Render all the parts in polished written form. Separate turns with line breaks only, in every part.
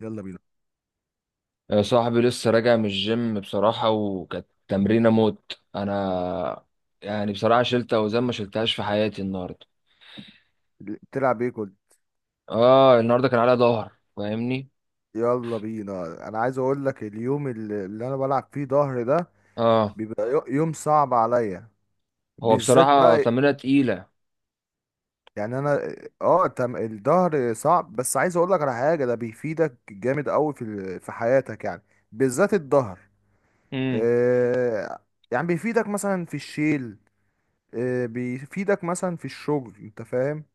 يلا بينا.
يا صاحبي لسه راجع من الجيم بصراحة، وكانت تمرينة موت أنا. يعني بصراحة شلت أوزان ما شلتهاش في حياتي النهاردة.
بتلعب ايه كل...
آه، النهاردة كان عليا ظهر، فاهمني.
يلا بينا، انا عايز اقول لك اليوم اللي انا بلعب فيه ظهر ده
آه،
بيبقى يوم صعب عليا
هو
بالذات
بصراحة
بقى.
تمرينة تقيلة.
يعني انا اه تم الظهر صعب، بس عايز اقول لك على حاجه ده بيفيدك جامد قوي في حياتك، يعني بالذات الظهر.
امم.
آه يعني بيفيدك مثلا في الشيل. بيفيدك مثلا في الشغل، انت فاهم؟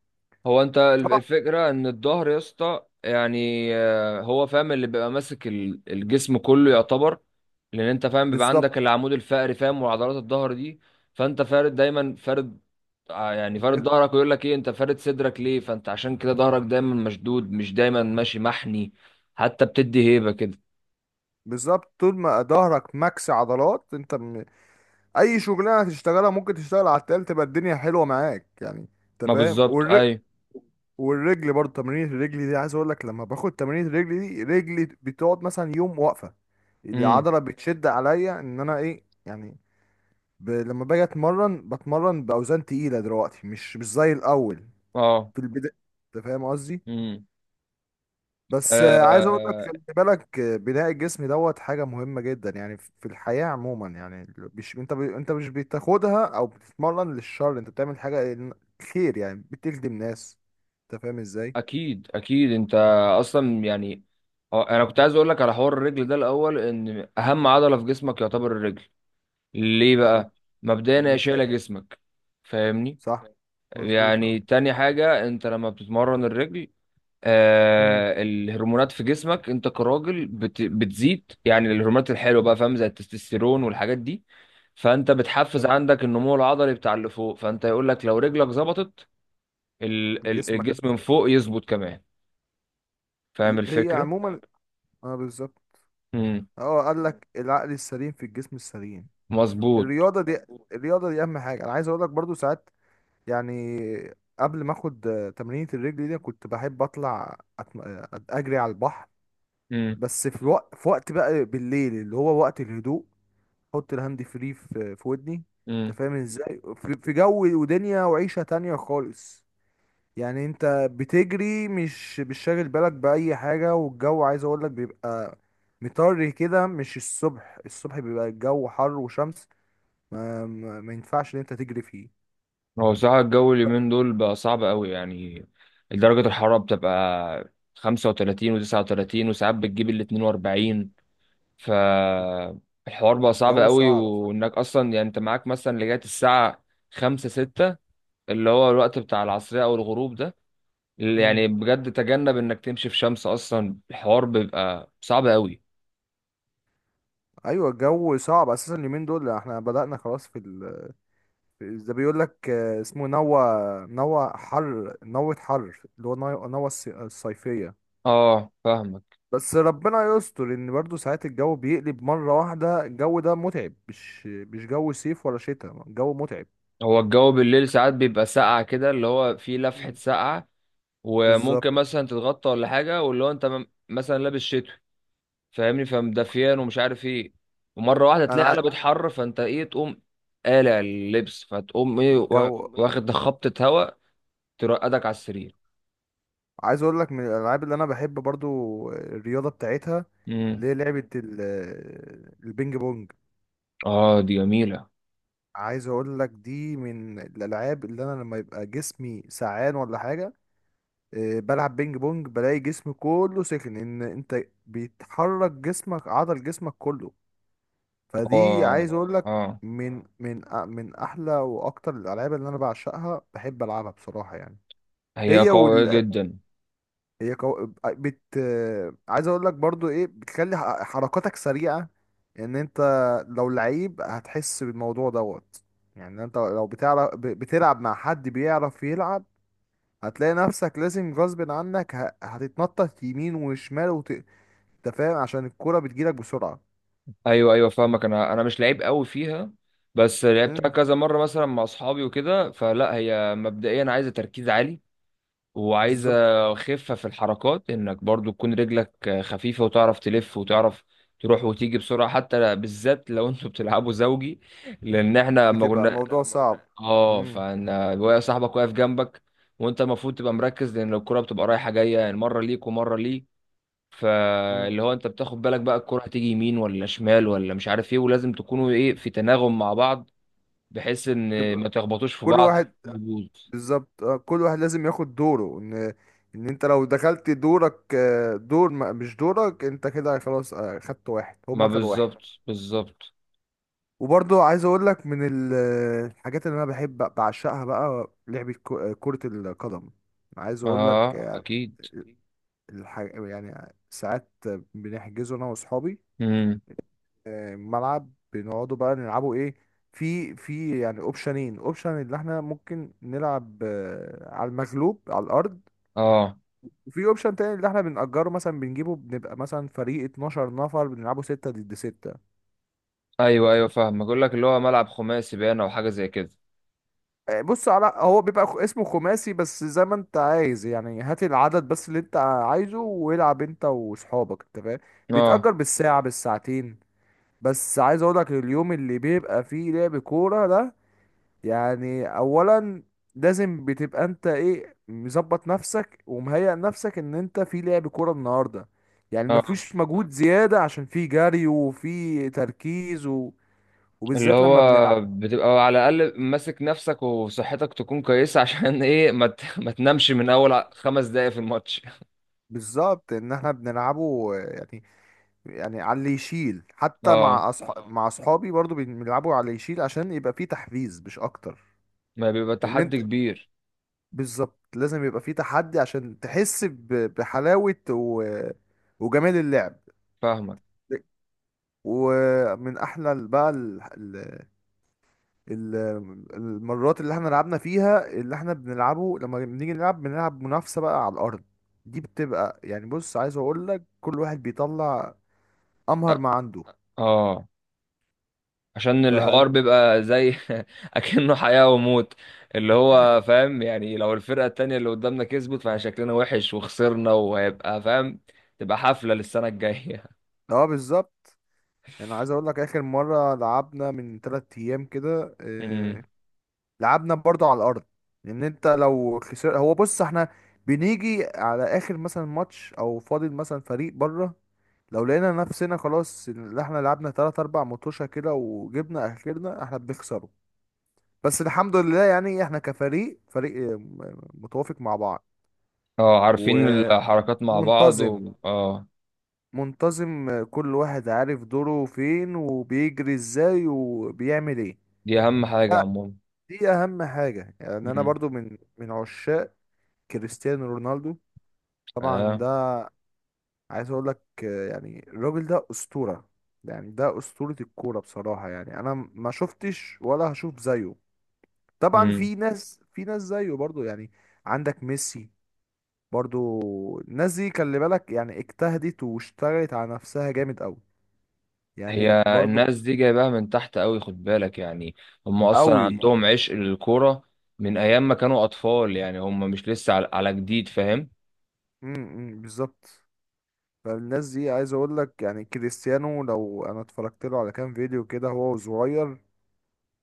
هو أنت
طبعا.
الفكرة إن الظهر يا اسطى، يعني هو فاهم، اللي بيبقى ماسك الجسم كله يعتبر. لان انت فاهم بيبقى عندك
بالظبط.
العمود الفقري، فاهم، وعضلات الظهر دي. فانت فارد، دايما فارد. يعني فارد ظهرك، ويقول لك ايه، انت فارد صدرك ليه؟ فانت عشان كده ظهرك دايما مشدود، مش دايما ماشي محني. حتى بتدي هيبة كده.
بالظبط، طول ما ظهرك ماكس عضلات، انت اي شغلانه تشتغلها ممكن تشتغل على التقال، تبقى الدنيا حلوه معاك يعني، انت
ما
فاهم؟
بالظبط اي.
والرجل برضه، تمرين الرجل دي عايز اقول لك، لما باخد تمرين الرجل دي رجلي بتقعد مثلا يوم واقفه،
امم.
العضله بتشد عليا ان انا ايه يعني. لما باجي اتمرن بتمرن باوزان تقيله دلوقتي، مش زي الاول
اه.
في البدايه، انت فاهم قصدي؟
امم.
بس عايز اقول لك
آه،
خلي بالك، بناء الجسم دوت حاجه مهمه جدا، يعني في الحياه عموما، يعني مش انت انت مش بتاخدها او بتتمرن للشر، انت بتعمل حاجه خير يعني، بتخدم ناس، انت فاهم ازاي.
اكيد اكيد انت. اصلا يعني انا كنت عايز اقول لك على حوار الرجل ده الاول، ان اهم عضلة في جسمك يعتبر الرجل. ليه بقى؟ مبدئيا هي
يعني
شايلة
شيء
جسمك، فاهمني.
صح، مظبوط اه.
يعني تاني حاجة، انت لما بتتمرن الرجل،
مم.
الهرمونات في جسمك انت كراجل بتزيد، يعني الهرمونات الحلوة بقى، فاهم، زي التستوستيرون والحاجات دي. فانت بتحفز
تمام.
عندك النمو العضلي بتاع اللي فوق، فانت يقول لك لو رجلك ظبطت،
جسمك
الجسم من فوق يظبط كمان. فاهم
هي هي
الفكرة؟
عموما. اه بالظبط.
امم.
اه، قال لك العقل السليم في الجسم السليم.
مظبوط.
الرياضه دي مظبوط، الرياضه دي اهم حاجه. انا عايز اقول لك برضو ساعات يعني، قبل ما اخد تمرينة الرجل دي، كنت بحب اطلع أتم... آه، اجري على البحر،
امم.
بس في وقت بقى بالليل، اللي هو وقت الهدوء، احط الهاند فري في ودني، انت
امم.
فاهم ازاي؟ في جو ودنيا وعيشة تانية خالص، يعني انت بتجري مش شاغل بالك بأي حاجة، والجو عايز اقول لك بيبقى مطري كده، مش الصبح، الصبح بيبقى الجو حر وشمس، ما ينفعش ان انت تجري فيه.
هو بصراحة الجو اليومين دول بقى صعب قوي يعني. درجة الحرارة بتبقى 35 و39، وساعات بتجيب ال 42. فالحوار بقى صعب
الجو
قوي،
صعب.
وانك اصلا يعني انت معاك مثلا لغايه الساعه خمسة ستة، اللي هو الوقت بتاع العصريه او الغروب ده.
مم.
يعني بجد تجنب انك تمشي في شمس، اصلا الحوار بيبقى صعب قوي.
ايوه، الجو صعب اساسا اليومين دول، احنا بدأنا خلاص ده بيقول لك اسمه نوى. نوى حر، نوة حر، اللي هو نوى، نوى الصيفية.
اه، فاهمك.
بس ربنا يستر، ان برضو ساعات الجو بيقلب مرة واحدة. الجو ده متعب، مش جو صيف ولا شتاء، الجو متعب.
هو الجو بالليل ساعات بيبقى ساقع كده، اللي هو فيه
مم.
لفحه
هو
ساقعه. وممكن
بالظبط.
مثلا تتغطى ولا حاجه، واللي هو انت مثلا لابس شتوي، فاهمني، فمدفيان ومش عارف ايه. ومره واحده
انا
تلاقي قلبت
عا...
حر، فانت ايه تقوم قالع اللبس، فتقوم ايه
الجو
واخد خبطه هواء ترقدك على السرير.
عايز اقول لك، من الالعاب اللي انا بحب برضو الرياضة بتاعتها،
امم.
اللي هي البينج بونج.
اه، دي جميله.
عايز اقول لك دي من الالعاب، اللي انا لما يبقى جسمي سعان ولا حاجه بلعب بينج بونج بلاقي جسمي كله سخن، ان انت بيتحرك جسمك، عضل جسمك كله. فدي
اه.
عايز اقول لك
اه.
اه من من احلى واكتر الالعاب اللي انا بعشقها، بحب العبها بصراحه يعني.
هي
هي
قويه
وال...
جدا.
هي كو... بت عايز اقول لك برضو ايه، بتخلي حركاتك سريعة، ان انت لو لعيب هتحس بالموضوع دوت، يعني انت لو بتعرف بتلعب مع حد بيعرف يلعب، هتلاقي نفسك لازم غصب عنك هتتنطط يمين وشمال انت فاهم، عشان الكرة بتجيلك بسرعة.
ايوه ايوه فاهمك، انا مش لعيب قوي فيها. بس لعبتها
امم.
كذا مره مثلا مع اصحابي وكده، فلا هي مبدئيا عايزه تركيز عالي، وعايزة
بالظبط.
خفة في الحركات، انك برضو تكون رجلك خفيفة، وتعرف تلف وتعرف تروح وتيجي بسرعة، حتى بالذات لو انتوا بتلعبوا زوجي. لان احنا لما
بتبقى
كنا،
الموضوع صعب.
اه،
امم.
فانا صاحبك واقف جنبك، وانت المفروض تبقى مركز، لان الكرة بتبقى رايحة جاية، يعني مرة ليك ومرة ليك.
امم.
فاللي هو انت بتاخد بالك بقى الكرة هتيجي يمين ولا شمال ولا مش عارف ايه، ولازم تكونوا ايه في تناغم مع بعض، بحيث ان
تبقى
ما تخبطوش في
كل
بعض
واحد
يبوظ.
بالظبط، كل واحد لازم ياخد دوره، ان ان انت لو دخلت دورك، دور مش دورك انت كده خلاص، خدت واحد
ما
هما خدوا واحد.
بالظبط. بالظبط.
وبرضو عايز اقول لك الحاجات اللي انا بحب بعشقها بقى، لعبة كرة القدم. عايز اقول لك
اه، اكيد.
يعني ساعات بنحجزه انا واصحابي،
امم.
ملعب، بنقعدوا بقى نلعبوا ايه، في يعني اوبشنين. اوبشن اللي احنا ممكن نلعب على المغلوب على الارض،
اه.
وفي اوبشن تاني اللي احنا بنأجره مثلا، بنجيبه بنبقى مثلا فريق 12 نفر، بنلعبه 6 ضد 6.
ايوه ايوه فاهم، بقول لك اللي هو ملعب خماسي باين او حاجه زي كده.
بص، على هو بيبقى اسمه خماسي، بس زي ما انت عايز يعني، هات العدد بس اللي انت عايزه والعب انت واصحابك، انت فاهم؟
اه.
بيتأجر بالساعة بالساعتين. بس عايز اقولك اليوم اللي بيبقى فيه لعب كورة ده، يعني اولا لازم بتبقى انت ايه، مظبط نفسك ومهيئ نفسك ان انت في لعب كوره النهارده، يعني ما
اه،
فيش مجهود زياده، عشان في جري وفي تركيز و...
اللي
وبالذات
هو
لما بنلعب
بتبقى على الاقل ماسك نفسك وصحتك تكون كويسه عشان ايه ما تنامش من اول خمس دقايق في الماتش.
بالظبط، ان احنا بنلعبه يعني، يعني على اللي يشيل، حتى
اه،
مع مع اصحابي برضو بنلعبوا على اللي يشيل، عشان يبقى فيه تحفيز مش اكتر.
ما بيبقى
ان انت
تحدي كبير.
بالظبط لازم يبقى فيه تحدي، عشان تحس بحلاوة و... وجمال اللعب.
فاهمك.
ومن احلى ال- بقى ال... ال... ال- المرات اللي احنا لعبنا فيها، اللي احنا بنلعبه لما بنيجي نلعب بنلعب منافسة بقى على الارض، دي بتبقى يعني بص، عايز اقول لك كل واحد بيطلع امهر
أ-
ما عنده.
اه، عشان
ف
الحوار بيبقى زي اكنه حياه وموت، اللي هو فاهم يعني، لو الفرقه التانية اللي قدامنا كسبت فشكلنا وحش وخسرنا، وهيبقى فاهم، تبقى حفله للسنه الجايه.
اه بالظبط. يعني عايز اقول لك اخر مرة لعبنا من تلات ايام كده، لعبنا برضو على الارض. لان انت لو خسر هو، بص، احنا بنيجي على اخر مثلا ماتش او فاضل مثلا فريق بره، لو لقينا نفسنا خلاص اللي احنا لعبنا تلات اربع مطوشة كده وجبنا اخرنا احنا بنخسره. بس الحمد لله يعني احنا فريق، متوافق مع بعض.
اه، عارفين
اه، متحابين،
الحركات مع بعض
ومنتظم.
و... اه.
منتظم، كل واحد عارف دوره فين، وبيجري ازاي، وبيعمل ايه.
دي اهم حاجة عموما.
دي اهم حاجة. يعني انا
مم.
برضو من عشاق كريستيانو رونالدو، طبعا.
اه.
ده عايز اقول لك يعني الراجل ده اسطوره، يعني ده اسطوره الكوره بصراحه يعني. انا ما شفتش ولا هشوف زيه. طبعا
مم.
في ناس، في ناس زيه برضو يعني، عندك ميسي. برضو الناس دي خلي بالك، يعني اجتهدت واشتغلت على نفسها جامد قوي، يعني
هي
برضو
الناس دي جايباها من تحت قوي، خد بالك يعني، هم اصلا
قوي.
عندهم عشق للكورة من ايام ما كانوا اطفال، يعني هم مش لسه على جديد، فاهم.
امم. بالظبط. فالناس دي عايز اقول لك، يعني كريستيانو لو انا اتفرجت له على كام فيديو كده، هو صغير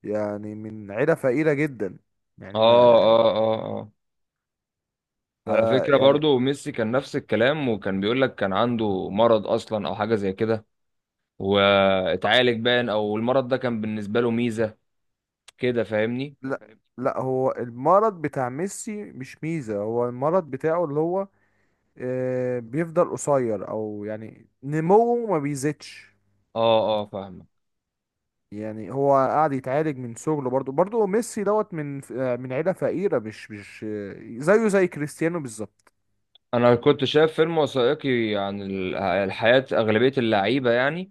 يعني من عيله فقيره جدا، يعني
اه
ما
اه اه اه،
ف
على فكرة
يعني.
برضو ميسي كان نفس الكلام، وكان بيقول لك كان عنده مرض اصلا او حاجة زي كده، واتعالج باين، او المرض ده كان بالنسبة له ميزة كده، فاهمني.
لا، لا، هو المرض بتاع ميسي مش ميزة، هو المرض بتاعه اللي هو بيفضل قصير، او يعني نموه ما بيزيدش.
اه اه فاهم.
يعني هو قاعد يتعالج من صغره. برضو ميسي دوت من ف- آه، من عيلة فقيرة، مش مش آه، زيه زي كريستيانو بالظبط.
انا كنت شايف فيلم وثائقي عن الحياة، اغلبية اللعيبة يعني،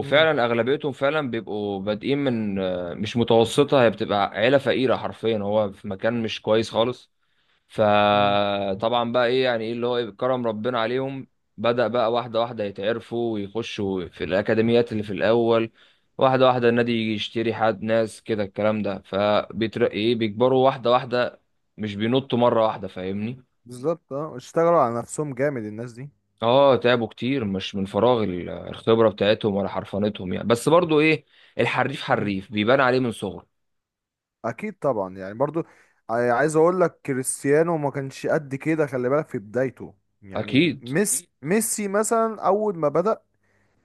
مم.
اغلبيتهم فعلا بيبقوا بادئين من مش متوسطة، هي بتبقى عيلة فقيرة حرفيا، هو في مكان مش كويس خالص.
مم.
فطبعا بقى ايه يعني، ايه اللي هو إيه كرم ربنا عليهم، بدأ بقى واحدة واحدة يتعرفوا ويخشوا في الأكاديميات اللي في الأول، واحدة واحدة النادي يجي يشتري حد، ناس كده الكلام ده، فبيترقي ايه، بيكبروا واحدة واحدة، مش بينطوا مرة واحدة، فاهمني.
بالظبط اه، اشتغلوا على نفسهم جامد الناس دي.
اه، تعبوا كتير، مش من فراغ الخبرة بتاعتهم ولا حرفنتهم يعني، بس برضو ايه، الحريف حريف بيبان عليه من صغره.
اكيد طبعا، يعني برضو عايز اقول لك كريستيانو ما كانش قد كده خلي بالك في بدايته. يعني
اكيد.
ميسي مثلا اول ما بدأ،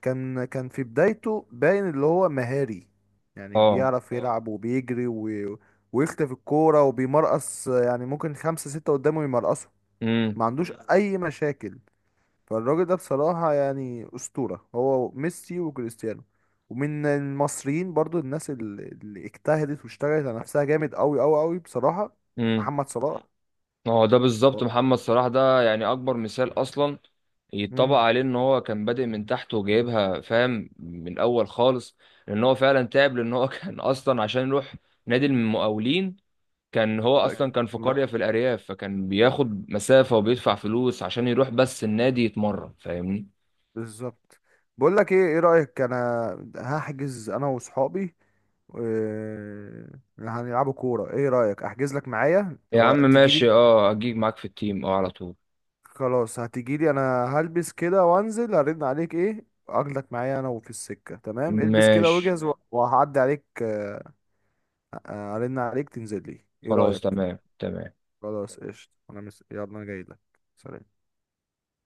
كان في بدايته باين اللي هو مهاري، يعني
اه.
بيعرف اه يلعب وبيجري و... ويختفي الكورة وبيمرقص، يعني ممكن خمسة ستة قدامه يمرقصوا،
امم.
ما عندوش اي مشاكل. فالراجل ده بصراحة يعني أسطورة، هو ميسي وكريستيانو. ومن المصريين برضو، الناس اللي اجتهدت واشتغلت على نفسها جامد أوي أوي أوي بصراحة،
امم.
محمد صلاح. صلاح
اه، ده بالظبط
هو
محمد صلاح، ده يعني اكبر مثال اصلا يتطبق
امم.
عليه، ان هو كان بادئ من تحت وجايبها فاهم من الاول خالص، لان هو فعلا تعب، لان هو كان اصلا عشان يروح نادي المقاولين، كان هو
ده يعني
اصلا كان في
هو
قرية في
اصلا
الارياف، فكان بياخد مسافة وبيدفع فلوس عشان يروح بس النادي يتمرن، فاهمني.
بالظبط. بقول لك ايه رأيك؟ انا هحجز انا وصحابي هنلعبوا كورة. ايه رأيك احجز لك معايا
يا عم
ولا
ماشي،
تيجي؟
اه، اجيك معاك في التيم، اه، على طول.
خلاص هتجيلي انا، هلبس كده وانزل هرن عليك ايه، اخدك معايا انا، وفي السكة تمام. البس كده
ماشي.
واجهز تمام، وهعدي عليك هرن عليك تنزل لي، ايه
خلاص
رأيك؟
تمام تمام.
خلاص تمام قشطة. انا يلا، انا جاي لك. سلام.